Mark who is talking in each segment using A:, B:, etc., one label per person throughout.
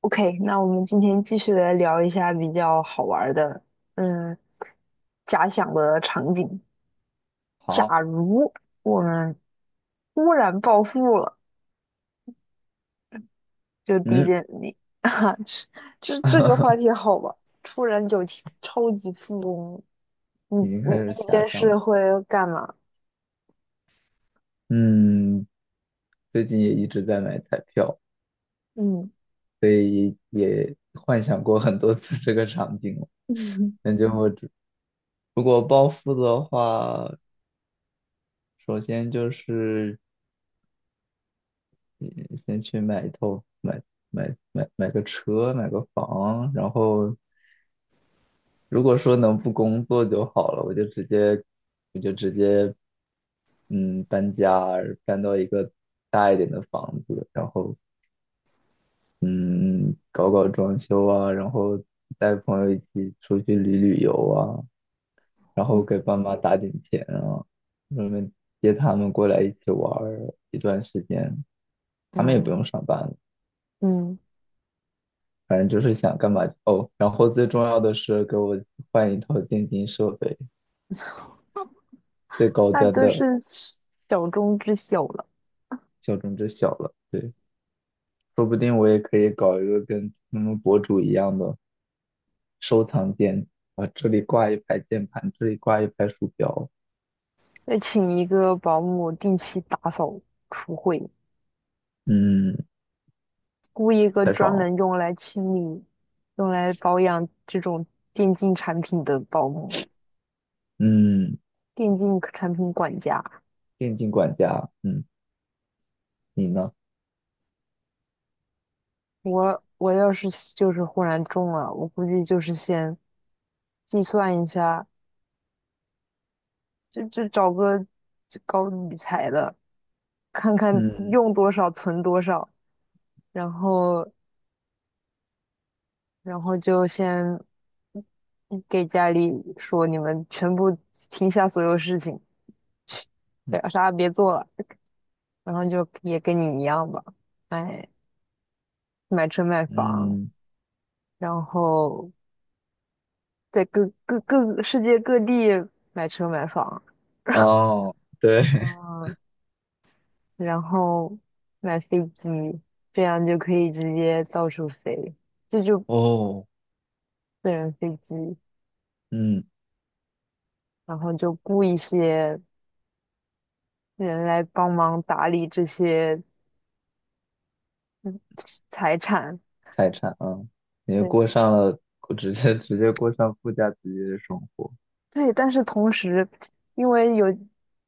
A: OK，那我们今天继续来聊一下比较好玩儿的，嗯，假想的场景。
B: 好，
A: 假如我们突然暴富了，就第一
B: 嗯，
A: 件，你 啊，这个话题 好吧？突然有钱超级富翁，你
B: 已经开
A: 你
B: 始
A: 第一
B: 遐
A: 件
B: 想了。
A: 事会干嘛？
B: 嗯，最近也一直在买彩票，
A: 嗯
B: 幻想过很多次这个场景了。
A: 嗯
B: 感觉我如果暴富的话，首先就是嗯先去买一套买买买买个车，买个房。然后如果说能不工作就好了，我就直接搬家，搬到一个大一点的房子。然后。嗯，搞搞装修啊，然后带朋友一起出去旅游啊，然后给爸
A: 嗯
B: 妈打点钱啊，顺便接他们过来一起玩儿一段时间，他们也不
A: 嗯
B: 用上班了，
A: 嗯，
B: 反正就是想干嘛就哦。然后最重要的是给我换一套电竞设备，最高
A: 那
B: 端
A: 都
B: 的
A: 是小中之小了。
B: 小众之小了。说不定我也可以搞一个跟他们博主一样的收藏间啊，这里挂一排键盘，这里挂一排鼠标。
A: 再请一个保姆定期打扫厨会，
B: 嗯，
A: 雇一个
B: 太
A: 专
B: 爽了。
A: 门用来清理、用来保养这种电竞产品的保姆、
B: 嗯，
A: 电竞产品管家。
B: 电竞管家。嗯，你呢？
A: 我要是就是忽然中了，我估计就是先计算一下，就找个高搞理财的，看看
B: 嗯
A: 用多少存多少，然后然后就先给家里说你们全部停下所有事情，去，
B: 嗯
A: 对啥也别做了。然后就也跟你一样吧，买买车买房，
B: 嗯。
A: 然后在各各各世界各地买车买房，
B: 哦，对，
A: 嗯，然后买飞机，这样就可以直接到处飞，这就
B: 哦，
A: 私人飞机，
B: 嗯，
A: 然后就雇一些人来帮忙打理这些嗯财产，
B: 财产啊。你就
A: 对，
B: 过上了，直接过上富家子弟的生活。
A: 对，但是同时，因为有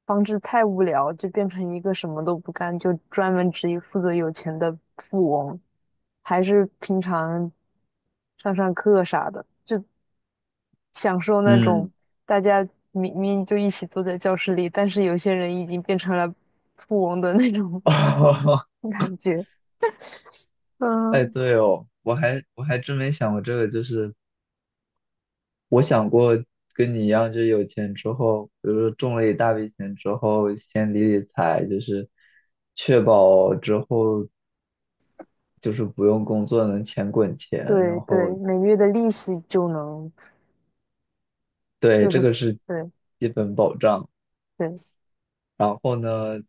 A: 防止太无聊，就变成一个什么都不干，就专门只负责有钱的富翁，还是平常上课啥的，就享受那种
B: 嗯，
A: 大家明明就一起坐在教室里，但是有些人已经变成了富翁的那种 感觉。
B: 哎，
A: 嗯，
B: 对哦，我还真没想过这个，就是我想过跟你一样，就是有钱之后，比如说中了一大笔钱之后，先理理财，就是确保之后就是不用工作能钱滚钱。然
A: 对对，
B: 后
A: 每月的利息就能，
B: 对，
A: 就
B: 这
A: 是
B: 个是
A: 对
B: 基本保障。
A: 对，
B: 然后呢，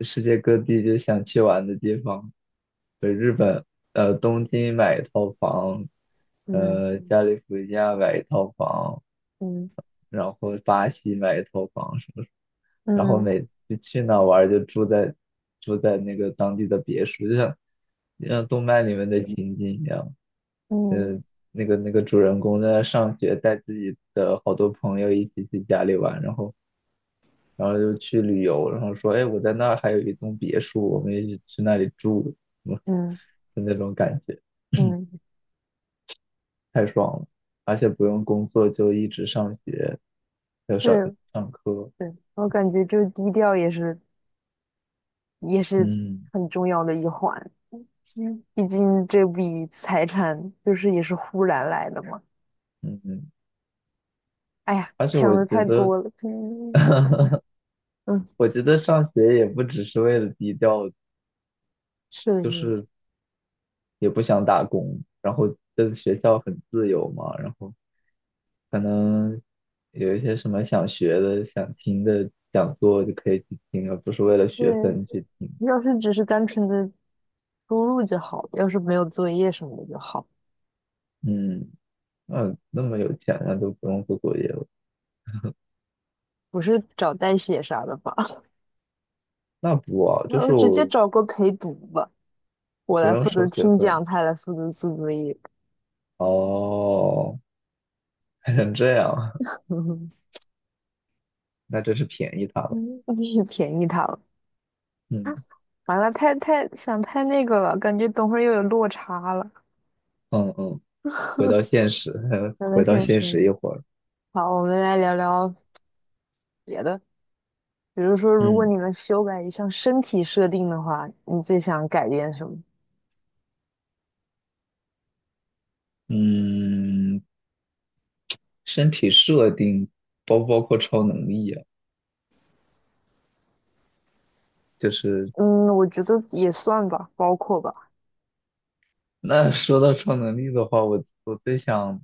B: 世界各地就想去玩的地方，日本，东京买一套房，
A: 嗯
B: 加利福尼亚买一套房，
A: 嗯
B: 然后巴西买一套房什么，然后
A: 嗯
B: 每次去哪玩儿就住在那个当地的别墅，就像动漫里面的情景一样。
A: 嗯
B: 嗯，那个主人公在那上学，带自己的好多朋友一起去家里玩。然后。然后就去旅游，然后说，哎，我在那儿还有一栋别墅，我们一起去那里住。嗯，
A: 嗯。
B: 就那种感觉。
A: 嗯，
B: 太爽了，而且不用工作就一直上学，要上
A: 对
B: 上课。
A: 对，我感觉这低调也是
B: 嗯
A: 很重要的一环，嗯，毕竟这笔财产就是也是忽然来的嘛。
B: 嗯，嗯，
A: 哎呀，
B: 而且
A: 想
B: 我
A: 的
B: 觉
A: 太
B: 得，
A: 多了，嗯，
B: 我觉得上学也不只是为了低调，
A: 是
B: 就
A: 的，
B: 是也不想打工，然后这个学校很自由嘛。然后，可能有一些什么想学的、想听的讲座就可以去听，而不是为了
A: 是
B: 学
A: 的
B: 分
A: 对，
B: 去听。
A: 要是只是单纯的输入就好，要是没有作业什么的就好，
B: 嗯，那么有钱那就不用做作业了？
A: 不是找代写啥的吧？
B: 那不啊，就
A: 那
B: 是
A: 我直接
B: 我
A: 找个陪读吧，我
B: 不
A: 来
B: 用
A: 负责
B: 收学
A: 听
B: 分。
A: 讲，他来负责做作业，
B: 哦，还成这样啊。
A: 嗯，
B: 那真是便宜他了。
A: 你便宜他了。啊，
B: 嗯
A: 完了，太想太那个了，感觉等会儿又有落差了，
B: 嗯嗯，回到现实，
A: 聊到
B: 回到
A: 现
B: 现
A: 实
B: 实一
A: 里
B: 会儿。
A: 好，我们来聊聊别的，比如说，如果
B: 嗯
A: 你能修改一项身体设定的话，你最想改变什么？
B: 嗯，身体设定包不包括超能力啊？就是
A: 嗯，我觉得也算吧，包括吧。
B: 那说到超能力的话，我我最想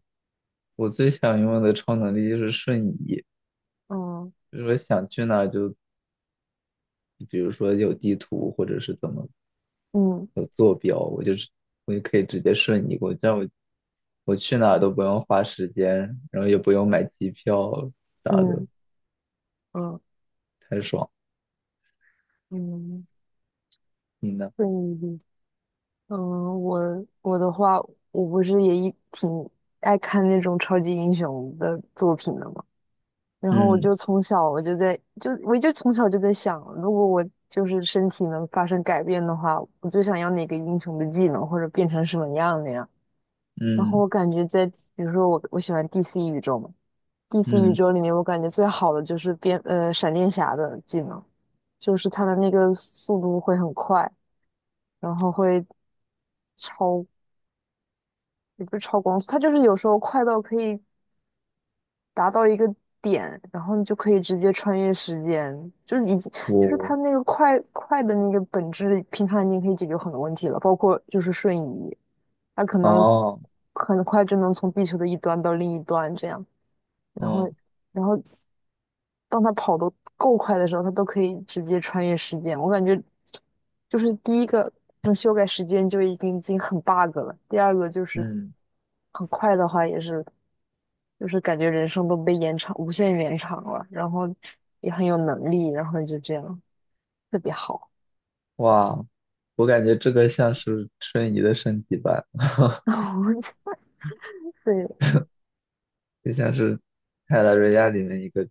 B: 我最想拥有的超能力就是瞬移，
A: 嗯
B: 就是我想去哪儿就，比如说有地图或者是怎么
A: 嗯
B: 有坐标，我就可以直接瞬移过去，这样我去哪儿都不用花时间，然后也不用买机票啥的，
A: 嗯嗯
B: 太爽。
A: 嗯，
B: 你呢？
A: 对，嗯，我的话，我不是也一挺爱看那种超级英雄的作品的吗？然后我
B: 嗯
A: 就从小我就在就我就从小就在想，如果我就是身体能发生改变的话，我最想要哪个英雄的技能，或者变成什么样的呀？然后
B: 嗯
A: 我感觉在比如说我喜欢 DC 宇宙嘛，DC 宇
B: 嗯，
A: 宙里面我感觉最好的就是变闪电侠的技能，就是他的那个速度会很快，然后会超也不是超光速，他就是有时候快到可以达到一个点，然后你就可以直接穿越时间，就是已经就是它
B: 我，
A: 那个快的那个本质，平常已经可以解决很多问题了，包括就是瞬移，它可能
B: 哦，
A: 很快就能从地球的一端到另一端这样，然后
B: 嗯
A: 然后当它跑得够快的时候，它都可以直接穿越时间。我感觉就是第一个，能修改时间就已经很 bug 了，第二个就是
B: 嗯，
A: 很快的话也是。就是感觉人生都被延长，无限延长了，然后也很有能力，然后就这样特别好。
B: 哇，我感觉这个像是瞬移的升级版。
A: 然后对，
B: 就像是《泰拉瑞亚》里面一个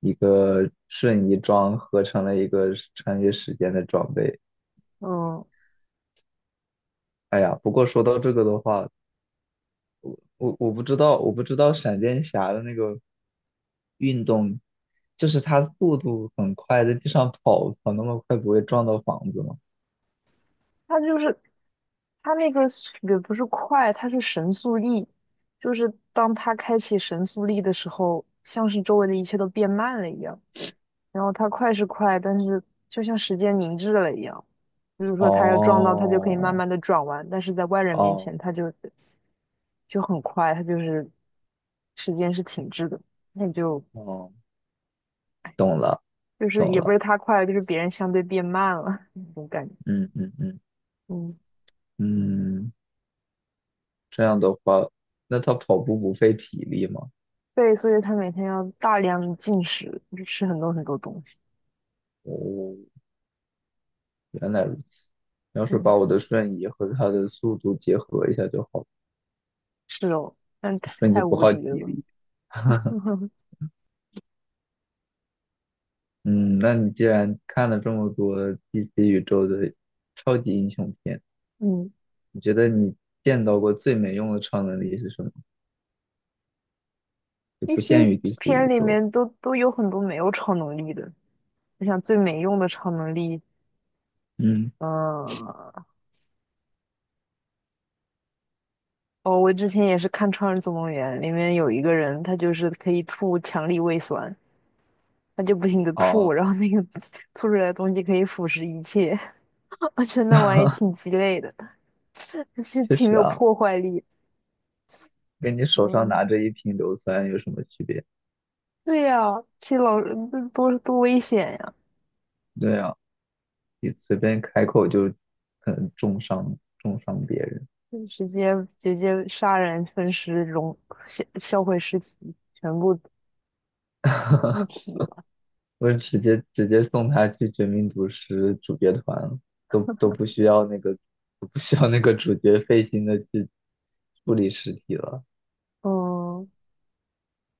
B: 一个瞬移装合成了一个是穿越时间的装备。
A: 嗯，
B: 哎呀，不过说到这个的话，我不知道闪电侠的那个运动，就是他速度很快，在地上跑那么快，不会撞到房子吗？
A: 他就是他那个也不是快，他是神速力，就是当他开启神速力的时候，像是周围的一切都变慢了一样。然后他快是快，但是就像时间凝滞了一样，就是说他要撞到，他就可以慢
B: 哦
A: 慢的转弯，但是在外人面
B: 哦
A: 前，他就很快，他就是时间是停滞的，那就
B: 哦，懂了
A: 就是
B: 懂
A: 也不
B: 了，
A: 是它快了，就是别人相对变慢了 那种感觉，
B: 嗯嗯嗯
A: 嗯，
B: 嗯，这样的话，那他跑步不费体力吗？
A: 对，所以他每天要大量进食，就吃很多很多东西，
B: 哦，原来如此。要是
A: 嗯，
B: 把我的瞬移和它的速度结合一下就好了，
A: 是哦，但太
B: 瞬移
A: 太
B: 不
A: 无
B: 耗
A: 敌
B: 体
A: 了，
B: 力。嗯，那你既然看了这么多 DC 宇宙的超级英雄片，
A: 嗯。
B: 你觉得你见到过最没用的超能力是什么？就
A: 一
B: 不
A: 些
B: 限于 DC
A: 片
B: 宇
A: 里
B: 宙。
A: 面都有很多没有超能力的，我想最没用的超能力，
B: 嗯，
A: 嗯，哦，我之前也是看《超人总动员》，里面有一个人，他就是可以吐强力胃酸，他就不停的吐，
B: 哦，
A: 然后那个 吐出来的东西可以腐蚀一切。我觉得那玩意儿 挺鸡肋的，就是
B: 确
A: 挺
B: 实
A: 有
B: 啊，
A: 破坏力。
B: 跟你手上
A: 嗯，
B: 拿着一瓶硫酸有什么区别？
A: 对呀、其实老多危险呀、
B: 对啊，你随便开口就可能重伤别人。
A: 就直接杀人分尸、融销毁尸体，全部一体了。
B: 我直接送他去《绝命毒师》主角团了，都不需要那个主角费心的去处理尸体了。
A: 嗯。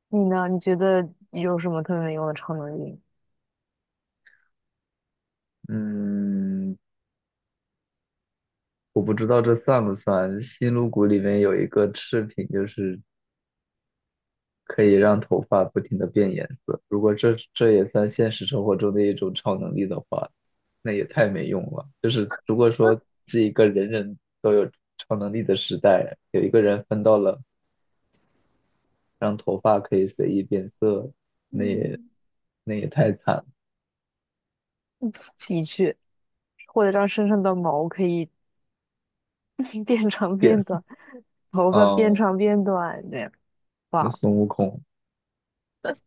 A: 你呢？你觉得有什么特别没用的超能力？
B: 嗯，我不知道这算不算。新露谷里面有一个饰品，就是可以让头发不停的变颜色。如果这也算现实生活中的一种超能力的话，那也太没用了。就是如果说 是一个人人都有超能力的时代，有一个人分到了，让头发可以随意变色，那也
A: 嗯，
B: 那也太惨了。
A: 的确，或者让身上的毛可以 变长变
B: 变
A: 短，头发变
B: 嗯，
A: 长变短，这样
B: 那
A: 哇
B: 孙悟空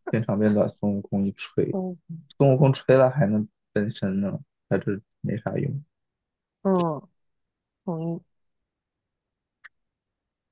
B: 变长变短，孙悟空一吹，
A: 嗯
B: 孙悟空吹了还能分身呢，他这没啥用。
A: 嗯，同意。